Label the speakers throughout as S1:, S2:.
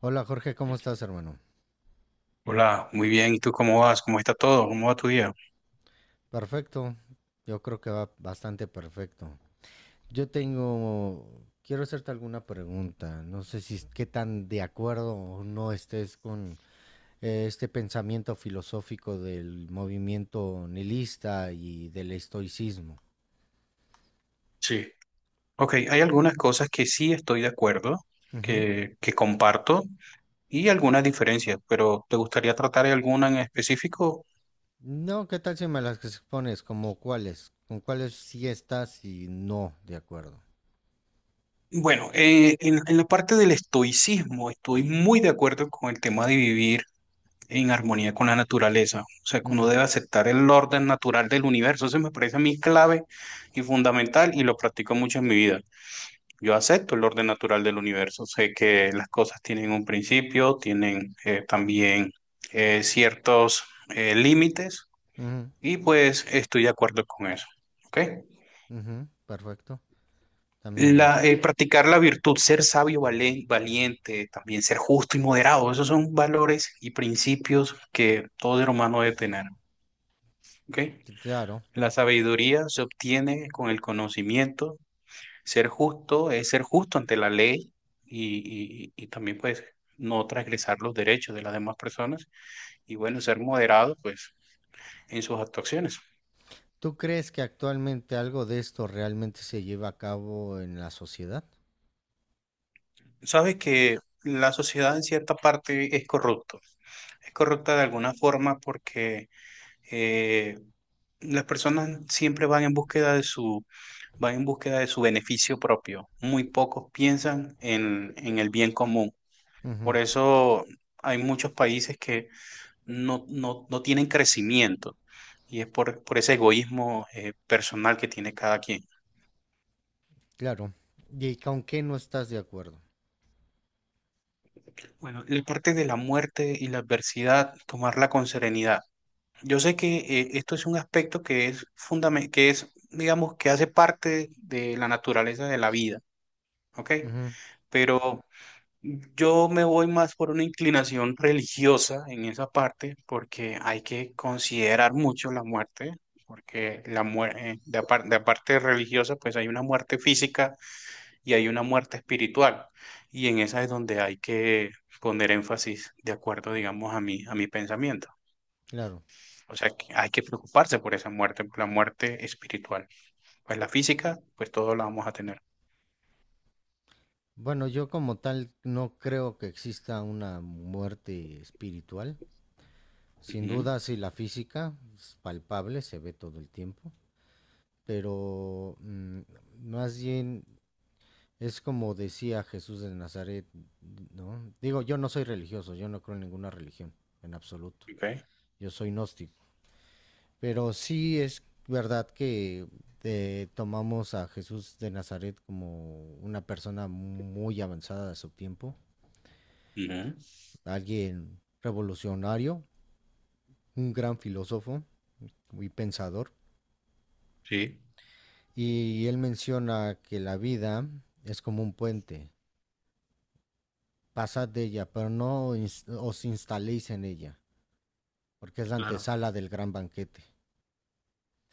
S1: Hola Jorge, ¿cómo estás, hermano?
S2: Hola, muy bien. ¿Y tú cómo vas? ¿Cómo está todo? ¿Cómo va tu día?
S1: Perfecto. Yo creo que va bastante perfecto. Yo tengo, quiero hacerte alguna pregunta. No sé si es- qué tan de acuerdo o no estés con este pensamiento filosófico del movimiento nihilista y del estoicismo.
S2: Sí. Ok, hay algunas cosas que sí estoy de acuerdo,
S1: Ujú.
S2: que comparto y algunas diferencias, pero ¿te gustaría tratar de alguna en específico?
S1: No, ¿qué tal si me las expones? ¿Como cuáles? ¿Con cuáles sí estás y no de acuerdo?
S2: Bueno, en la parte del estoicismo estoy muy de acuerdo con el tema de vivir en armonía con la naturaleza, o sea, que uno
S1: Ujú,
S2: debe aceptar el orden natural del universo. Eso me parece a mí clave y fundamental y lo practico mucho en mi vida. Yo acepto el orden natural del universo. Sé que las cosas tienen un principio, tienen también ciertos límites
S1: ujú,
S2: y pues estoy de acuerdo con eso. ¿Ok?
S1: ujú, perfecto. También yo.
S2: La, practicar la virtud, ser sabio, valiente, también ser justo y moderado, esos son valores y principios que todo ser humano debe tener. ¿Ok?
S1: Sí, claro.
S2: La sabiduría se obtiene con el conocimiento. Ser justo es ser justo ante la ley y, y también pues no transgresar los derechos de las demás personas, y bueno, ser moderado pues en sus actuaciones.
S1: ¿Tú crees que actualmente algo de esto realmente se lleva a cabo en la sociedad?
S2: Sabes que la sociedad en cierta parte es corrupta de alguna forma porque eh, las personas siempre van en búsqueda de van en búsqueda de su beneficio propio. Muy pocos piensan en el bien común. Por
S1: Ujú,
S2: eso hay muchos países que no tienen crecimiento, y es por ese egoísmo personal que tiene cada quien.
S1: claro. ¿Y con qué no estás de acuerdo?
S2: Bueno, la parte de la muerte y la adversidad, tomarla con serenidad. Yo sé que esto es un aspecto que es fundamental, que es, digamos, que hace parte de la naturaleza de la vida, ¿ok?
S1: Ujú,
S2: Pero yo me voy más por una inclinación religiosa en esa parte, porque hay que considerar mucho la muerte, porque la muerte, de de aparte religiosa, pues hay una muerte física y hay una muerte espiritual, y en esa es donde hay que poner énfasis, de acuerdo, digamos, a a mi pensamiento.
S1: claro.
S2: O sea, que hay que preocuparse por esa muerte, por la muerte espiritual. Pues la física, pues todos la vamos a tener.
S1: Bueno, yo como tal no creo que exista una muerte espiritual. Sin
S2: Ujú,
S1: duda, sí, la física es palpable, se ve todo el tiempo. Pero más bien es como decía Jesús de Nazaret, ¿no? Digo, yo no soy religioso, yo no creo en ninguna religión, en absoluto.
S2: ok,
S1: Yo soy gnóstico. Pero sí es verdad que tomamos a Jesús de Nazaret como una persona muy avanzada de su tiempo,
S2: ujú,
S1: alguien revolucionario, un gran filósofo y pensador.
S2: sí,
S1: Y él menciona que la vida es como un puente, pasad de ella, pero no ins- os instaléis en ella, porque es la
S2: claro,
S1: antesala del gran banquete.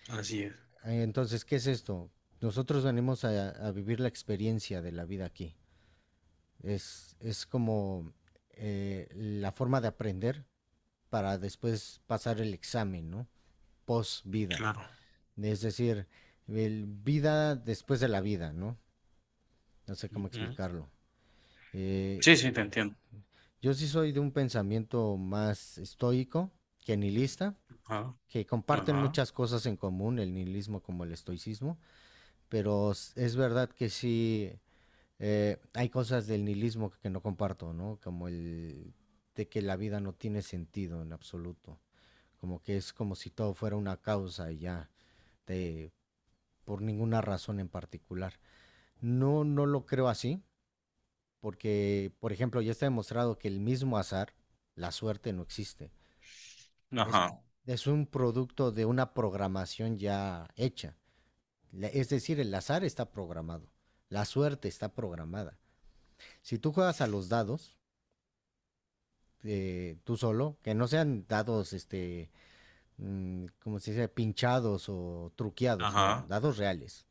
S2: así es,
S1: Entonces, ¿qué es esto? Nosotros venimos a vivir la experiencia de la vida aquí. Es como la forma de aprender para después pasar el examen, ¿no? Post vida.
S2: claro.
S1: Es decir, el vida después de la vida, ¿no? No sé cómo
S2: Ujú.
S1: explicarlo.
S2: Sí,
S1: Eh,
S2: sí, te entiendo.
S1: yo sí soy de un pensamiento más estoico que nihilista,
S2: Ajá,
S1: que comparten
S2: ajá,
S1: muchas cosas en común, el nihilismo como el estoicismo, pero es verdad que sí hay cosas del nihilismo que no comparto, ¿no? Como el de que la vida no tiene sentido en absoluto, como que es como si todo fuera una causa y ya, de, por ninguna razón en particular. No, no lo creo así, porque, por ejemplo, ya está demostrado que el mismo azar, la suerte, no existe. Es,
S2: ajá,
S1: es un producto de una programación ya hecha. Es decir, el azar está programado, la suerte está programada. Si tú juegas a los dados, tú solo, que no sean dados, como se dice, pinchados o truqueados, no,
S2: ajá,
S1: dados reales.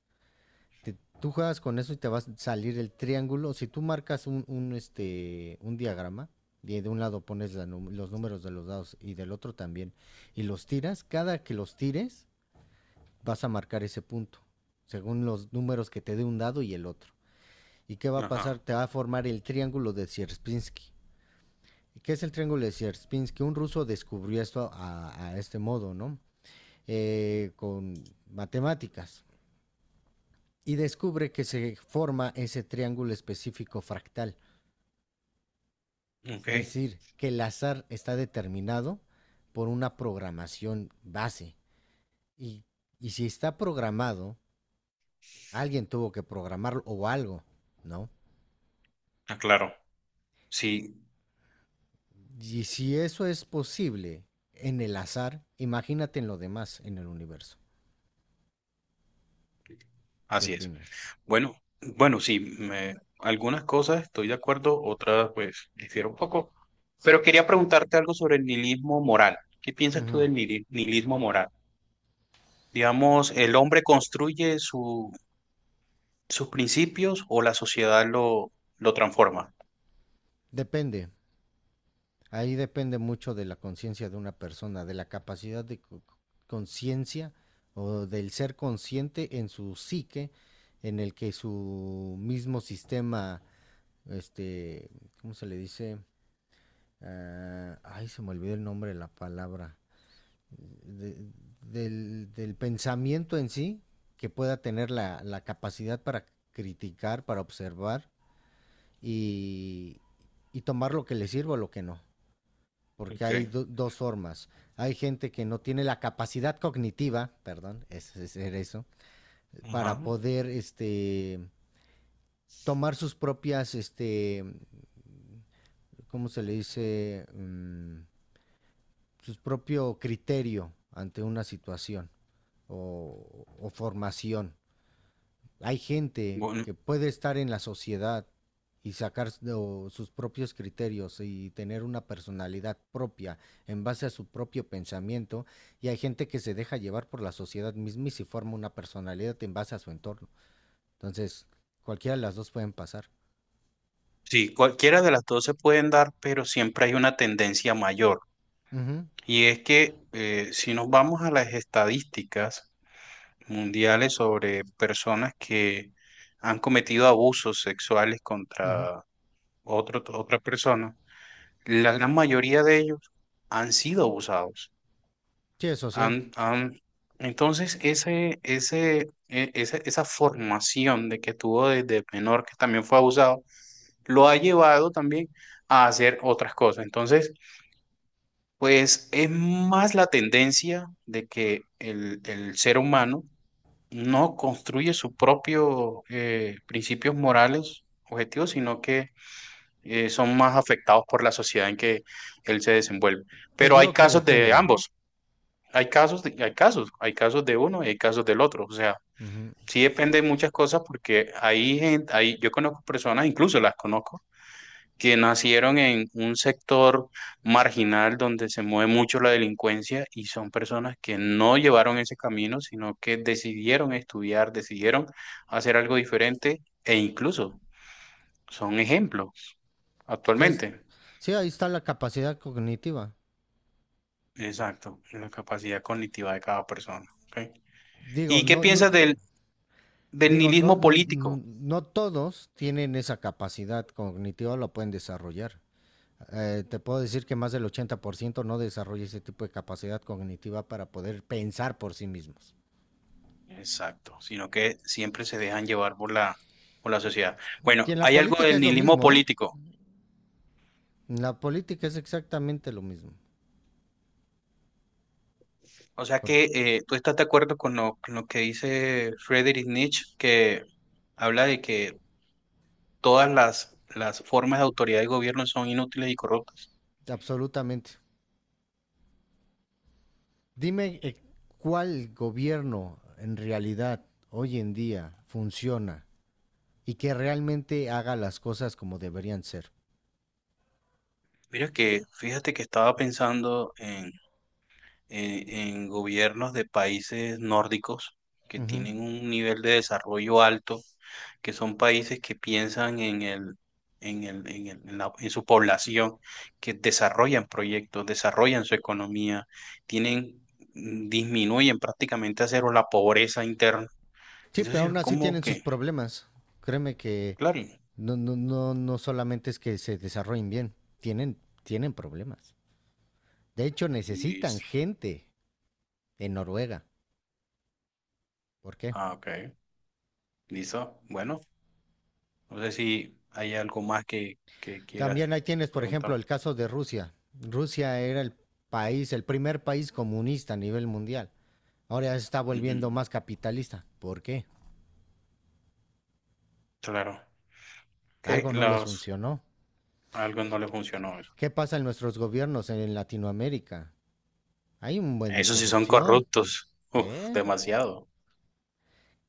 S1: Tú juegas con eso y te va a salir el triángulo. Si tú marcas un, este, un diagrama, y de un lado pones los números de los dados y del otro también, y los tiras, cada que los tires, vas a marcar ese punto, según los números que te dé un dado y el otro. ¿Y qué va a pasar?
S2: ajá.
S1: Te va a formar el triángulo de Sierpinski. ¿Y qué es el triángulo de Sierpinski? Un ruso descubrió esto a este modo, ¿no? Con matemáticas. Y descubre que se forma ese triángulo específico fractal.
S2: Ok,
S1: Es decir, que el azar está determinado por una programación base. Y, y si está programado, alguien tuvo que programarlo o algo, ¿no?
S2: ah, claro. Sí,
S1: Y si eso es posible en el azar, imagínate en lo demás, en el universo. ¿Qué
S2: así es.
S1: opinas?
S2: Bueno, bueno, sí, algunas cosas estoy de acuerdo, otras pues difiero un poco. Pero quería preguntarte algo sobre el nihilismo moral. ¿Qué piensas tú
S1: Ujú.
S2: del nihilismo moral? Digamos, ¿el hombre construye sus principios o la sociedad lo transforma?
S1: Depende. Ahí depende mucho de la conciencia de una persona, de la capacidad conciencia o del ser consciente en su psique, en el que su mismo sistema, este, ¿cómo se le dice? Ah, ay, se me olvidó el nombre de la palabra. De- del, del pensamiento en sí, que pueda tener la, la capacidad para criticar, para observar y, y tomar lo que le sirva o lo que no porque
S2: Ok,
S1: hay dos formas. Hay gente que no tiene la capacidad cognitiva, perdón, eso,
S2: ajá.
S1: para poder este, tomar sus propias, este, ¿cómo se le dice? Mm, sus propio criterio ante una situación o formación. Hay gente
S2: Bu-
S1: que puede estar en la sociedad y sacar o, sus propios criterios y tener una personalidad propia en base a su propio pensamiento y hay gente que se deja llevar por la sociedad misma y se forma una personalidad en base a su entorno. Entonces, cualquiera de las dos pueden pasar.
S2: sí, cualquiera de las dos se pueden dar, pero siempre hay una tendencia mayor.
S1: Ujú,
S2: Y es que si nos vamos a las estadísticas mundiales sobre personas que han cometido abusos sexuales
S1: ujú.
S2: contra otra persona, la gran mayoría de ellos han sido abusados.
S1: Sí, es social.
S2: Han, han- Entonces, esa formación de que tuvo desde menor, que también fue abusado, lo ha llevado también a hacer otras cosas. Entonces, pues es más la tendencia de que el ser humano no construye sus propios principios morales, objetivos, sino que son más afectados por la sociedad en que él se desenvuelve.
S1: Te
S2: Pero hay
S1: digo que
S2: casos de
S1: depende.
S2: ambos, hay casos hay casos, hay casos de uno y hay casos del otro. O sea,
S1: Ujú.
S2: sí depende de muchas cosas porque hay gente, hay, yo conozco personas, incluso las conozco, que nacieron en un sector marginal donde se mueve mucho la delincuencia, y son personas que no llevaron ese camino, sino que decidieron estudiar, decidieron hacer algo diferente e incluso son ejemplos
S1: Entonces,
S2: actualmente.
S1: sí, ahí está la capacidad cognitiva.
S2: Exacto, la capacidad cognitiva de cada persona. ¿Ok?
S1: Digo,
S2: ¿Y qué
S1: no, no,
S2: piensas del
S1: Digo, no,
S2: nihilismo
S1: no,
S2: político?
S1: no, no todos tienen esa capacidad cognitiva, la pueden desarrollar. Te puedo decir que más del 80% no desarrolla ese tipo de capacidad cognitiva para poder pensar por sí mismos.
S2: Exacto, sino que siempre se dejan llevar por por la sociedad.
S1: Y
S2: Bueno,
S1: en la
S2: hay algo
S1: política
S2: del
S1: es lo
S2: nihilismo
S1: mismo, ¿eh?
S2: político.
S1: En la política es exactamente lo mismo.
S2: O sea
S1: Por-
S2: que tú estás de acuerdo con con lo que dice Friedrich Nietzsche, que habla de que todas las formas de autoridad y gobierno son inútiles y corruptas.
S1: absolutamente. Dime cuál gobierno en realidad hoy en día funciona y que realmente haga las cosas como deberían ser.
S2: Mira que, fíjate que estaba pensando en, en gobiernos de países nórdicos que
S1: Ujú.
S2: tienen un nivel de desarrollo alto, que son países que piensan en el, en el, en el- en la- en su población, que desarrollan proyectos, desarrollan su economía, tienen, disminuyen prácticamente a cero la pobreza interna.
S1: Sí,
S2: Eso
S1: pero
S2: sí, es
S1: aún así
S2: como
S1: tienen sus
S2: que,
S1: problemas. Créeme que
S2: claro,
S1: no, no, no, no solamente es que se desarrollen bien, tienen, tienen problemas. De hecho, necesitan
S2: listo.
S1: gente en Noruega. ¿Por qué?
S2: Ah, ok, listo. Bueno, no sé si hay algo más que quieras
S1: También ahí tienes, por ejemplo,
S2: preguntar.
S1: el caso de Rusia. Rusia era el país, el primer país comunista a nivel mundial. Ahora ya se está
S2: Ujú,
S1: volviendo más capitalista. ¿Por qué?
S2: claro. Que
S1: Algo no les
S2: los,
S1: funcionó.
S2: a algunos no le funcionó eso.
S1: ¿Qué pasa en nuestros gobiernos en Latinoamérica? Hay un buen de
S2: Esos sí son
S1: corrupción.
S2: corruptos. Uf,
S1: ¿Eh?
S2: demasiado.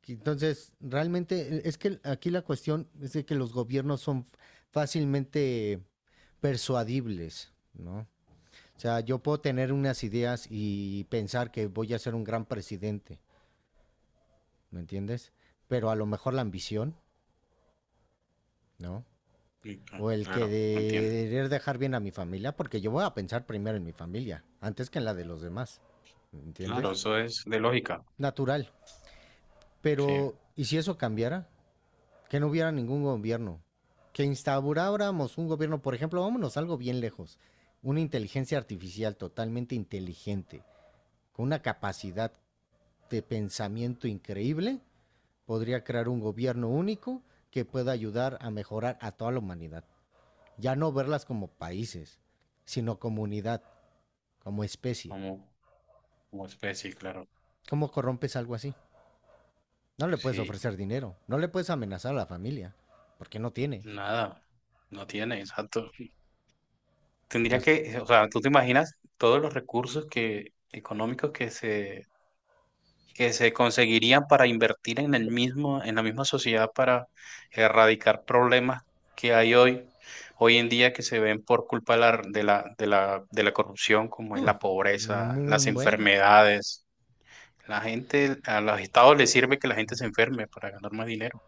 S1: Entonces, realmente es que aquí la cuestión es de que los gobiernos son fácilmente persuadibles, ¿no? O sea, yo puedo tener unas ideas y pensar que voy a ser un gran presidente, ¿me entiendes? Pero a lo mejor la ambición, ¿no?
S2: Ujú,
S1: O el que
S2: claro, entiendo.
S1: de querer dejar bien a mi familia, porque yo voy a pensar primero en mi familia, antes que en la de los demás, ¿me
S2: Claro,
S1: entiendes?
S2: eso es de lógica,
S1: Natural.
S2: sí,
S1: Pero, ¿y si eso cambiara? Que no hubiera ningún gobierno. Que instauráramos un gobierno, por ejemplo, vámonos algo bien lejos. Una inteligencia artificial totalmente inteligente, con una capacidad de pensamiento increíble, podría crear un gobierno único que pueda ayudar a mejorar a toda la humanidad. Ya no verlas como países, sino como unidad, como especie.
S2: como, como especie, claro.
S1: ¿Cómo corrompes algo así? No le puedes
S2: Sí,
S1: ofrecer dinero, no le puedes amenazar a la familia, porque no tiene.
S2: nada, no tiene, exacto. Tendría
S1: Las...
S2: que, o sea, tú te imaginas todos los recursos que, económicos, que se, que se conseguirían para invertir en el mismo, en la misma sociedad para erradicar problemas que hay hoy, hoy en día, que se ven por culpa de la corrupción, como es
S1: Uh,
S2: la pobreza, las
S1: un buen,
S2: enfermedades. La gente, a los estados les sirve que la gente se enferme para ganar más dinero,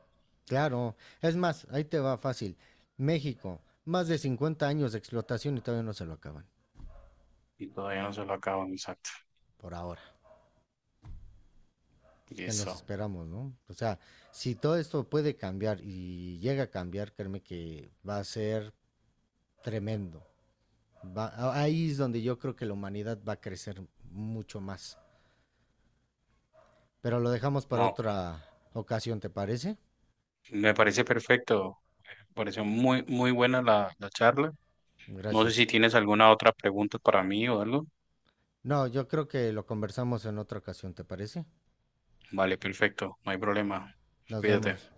S1: claro, es más, ahí te va fácil. México, más de 50 años de explotación y todavía no se lo acaban,
S2: y todavía no se lo acaban, exacto.
S1: por ahora. Pues,
S2: Y
S1: ¿qué nos
S2: eso,
S1: esperamos, no? O sea, si todo esto puede cambiar y llega a cambiar, créeme que va a ser tremendo. Ahí es donde yo creo que la humanidad va a crecer mucho más. Pero lo dejamos para
S2: no,
S1: otra ocasión, ¿te parece?
S2: me parece perfecto, me pareció muy, muy buena la charla. No sé si
S1: Gracias.
S2: tienes alguna otra pregunta para mí o algo.
S1: No, yo creo que lo conversamos en otra ocasión, ¿te parece?
S2: Vale, perfecto, no hay problema.
S1: Nos
S2: Cuídate.
S1: vemos.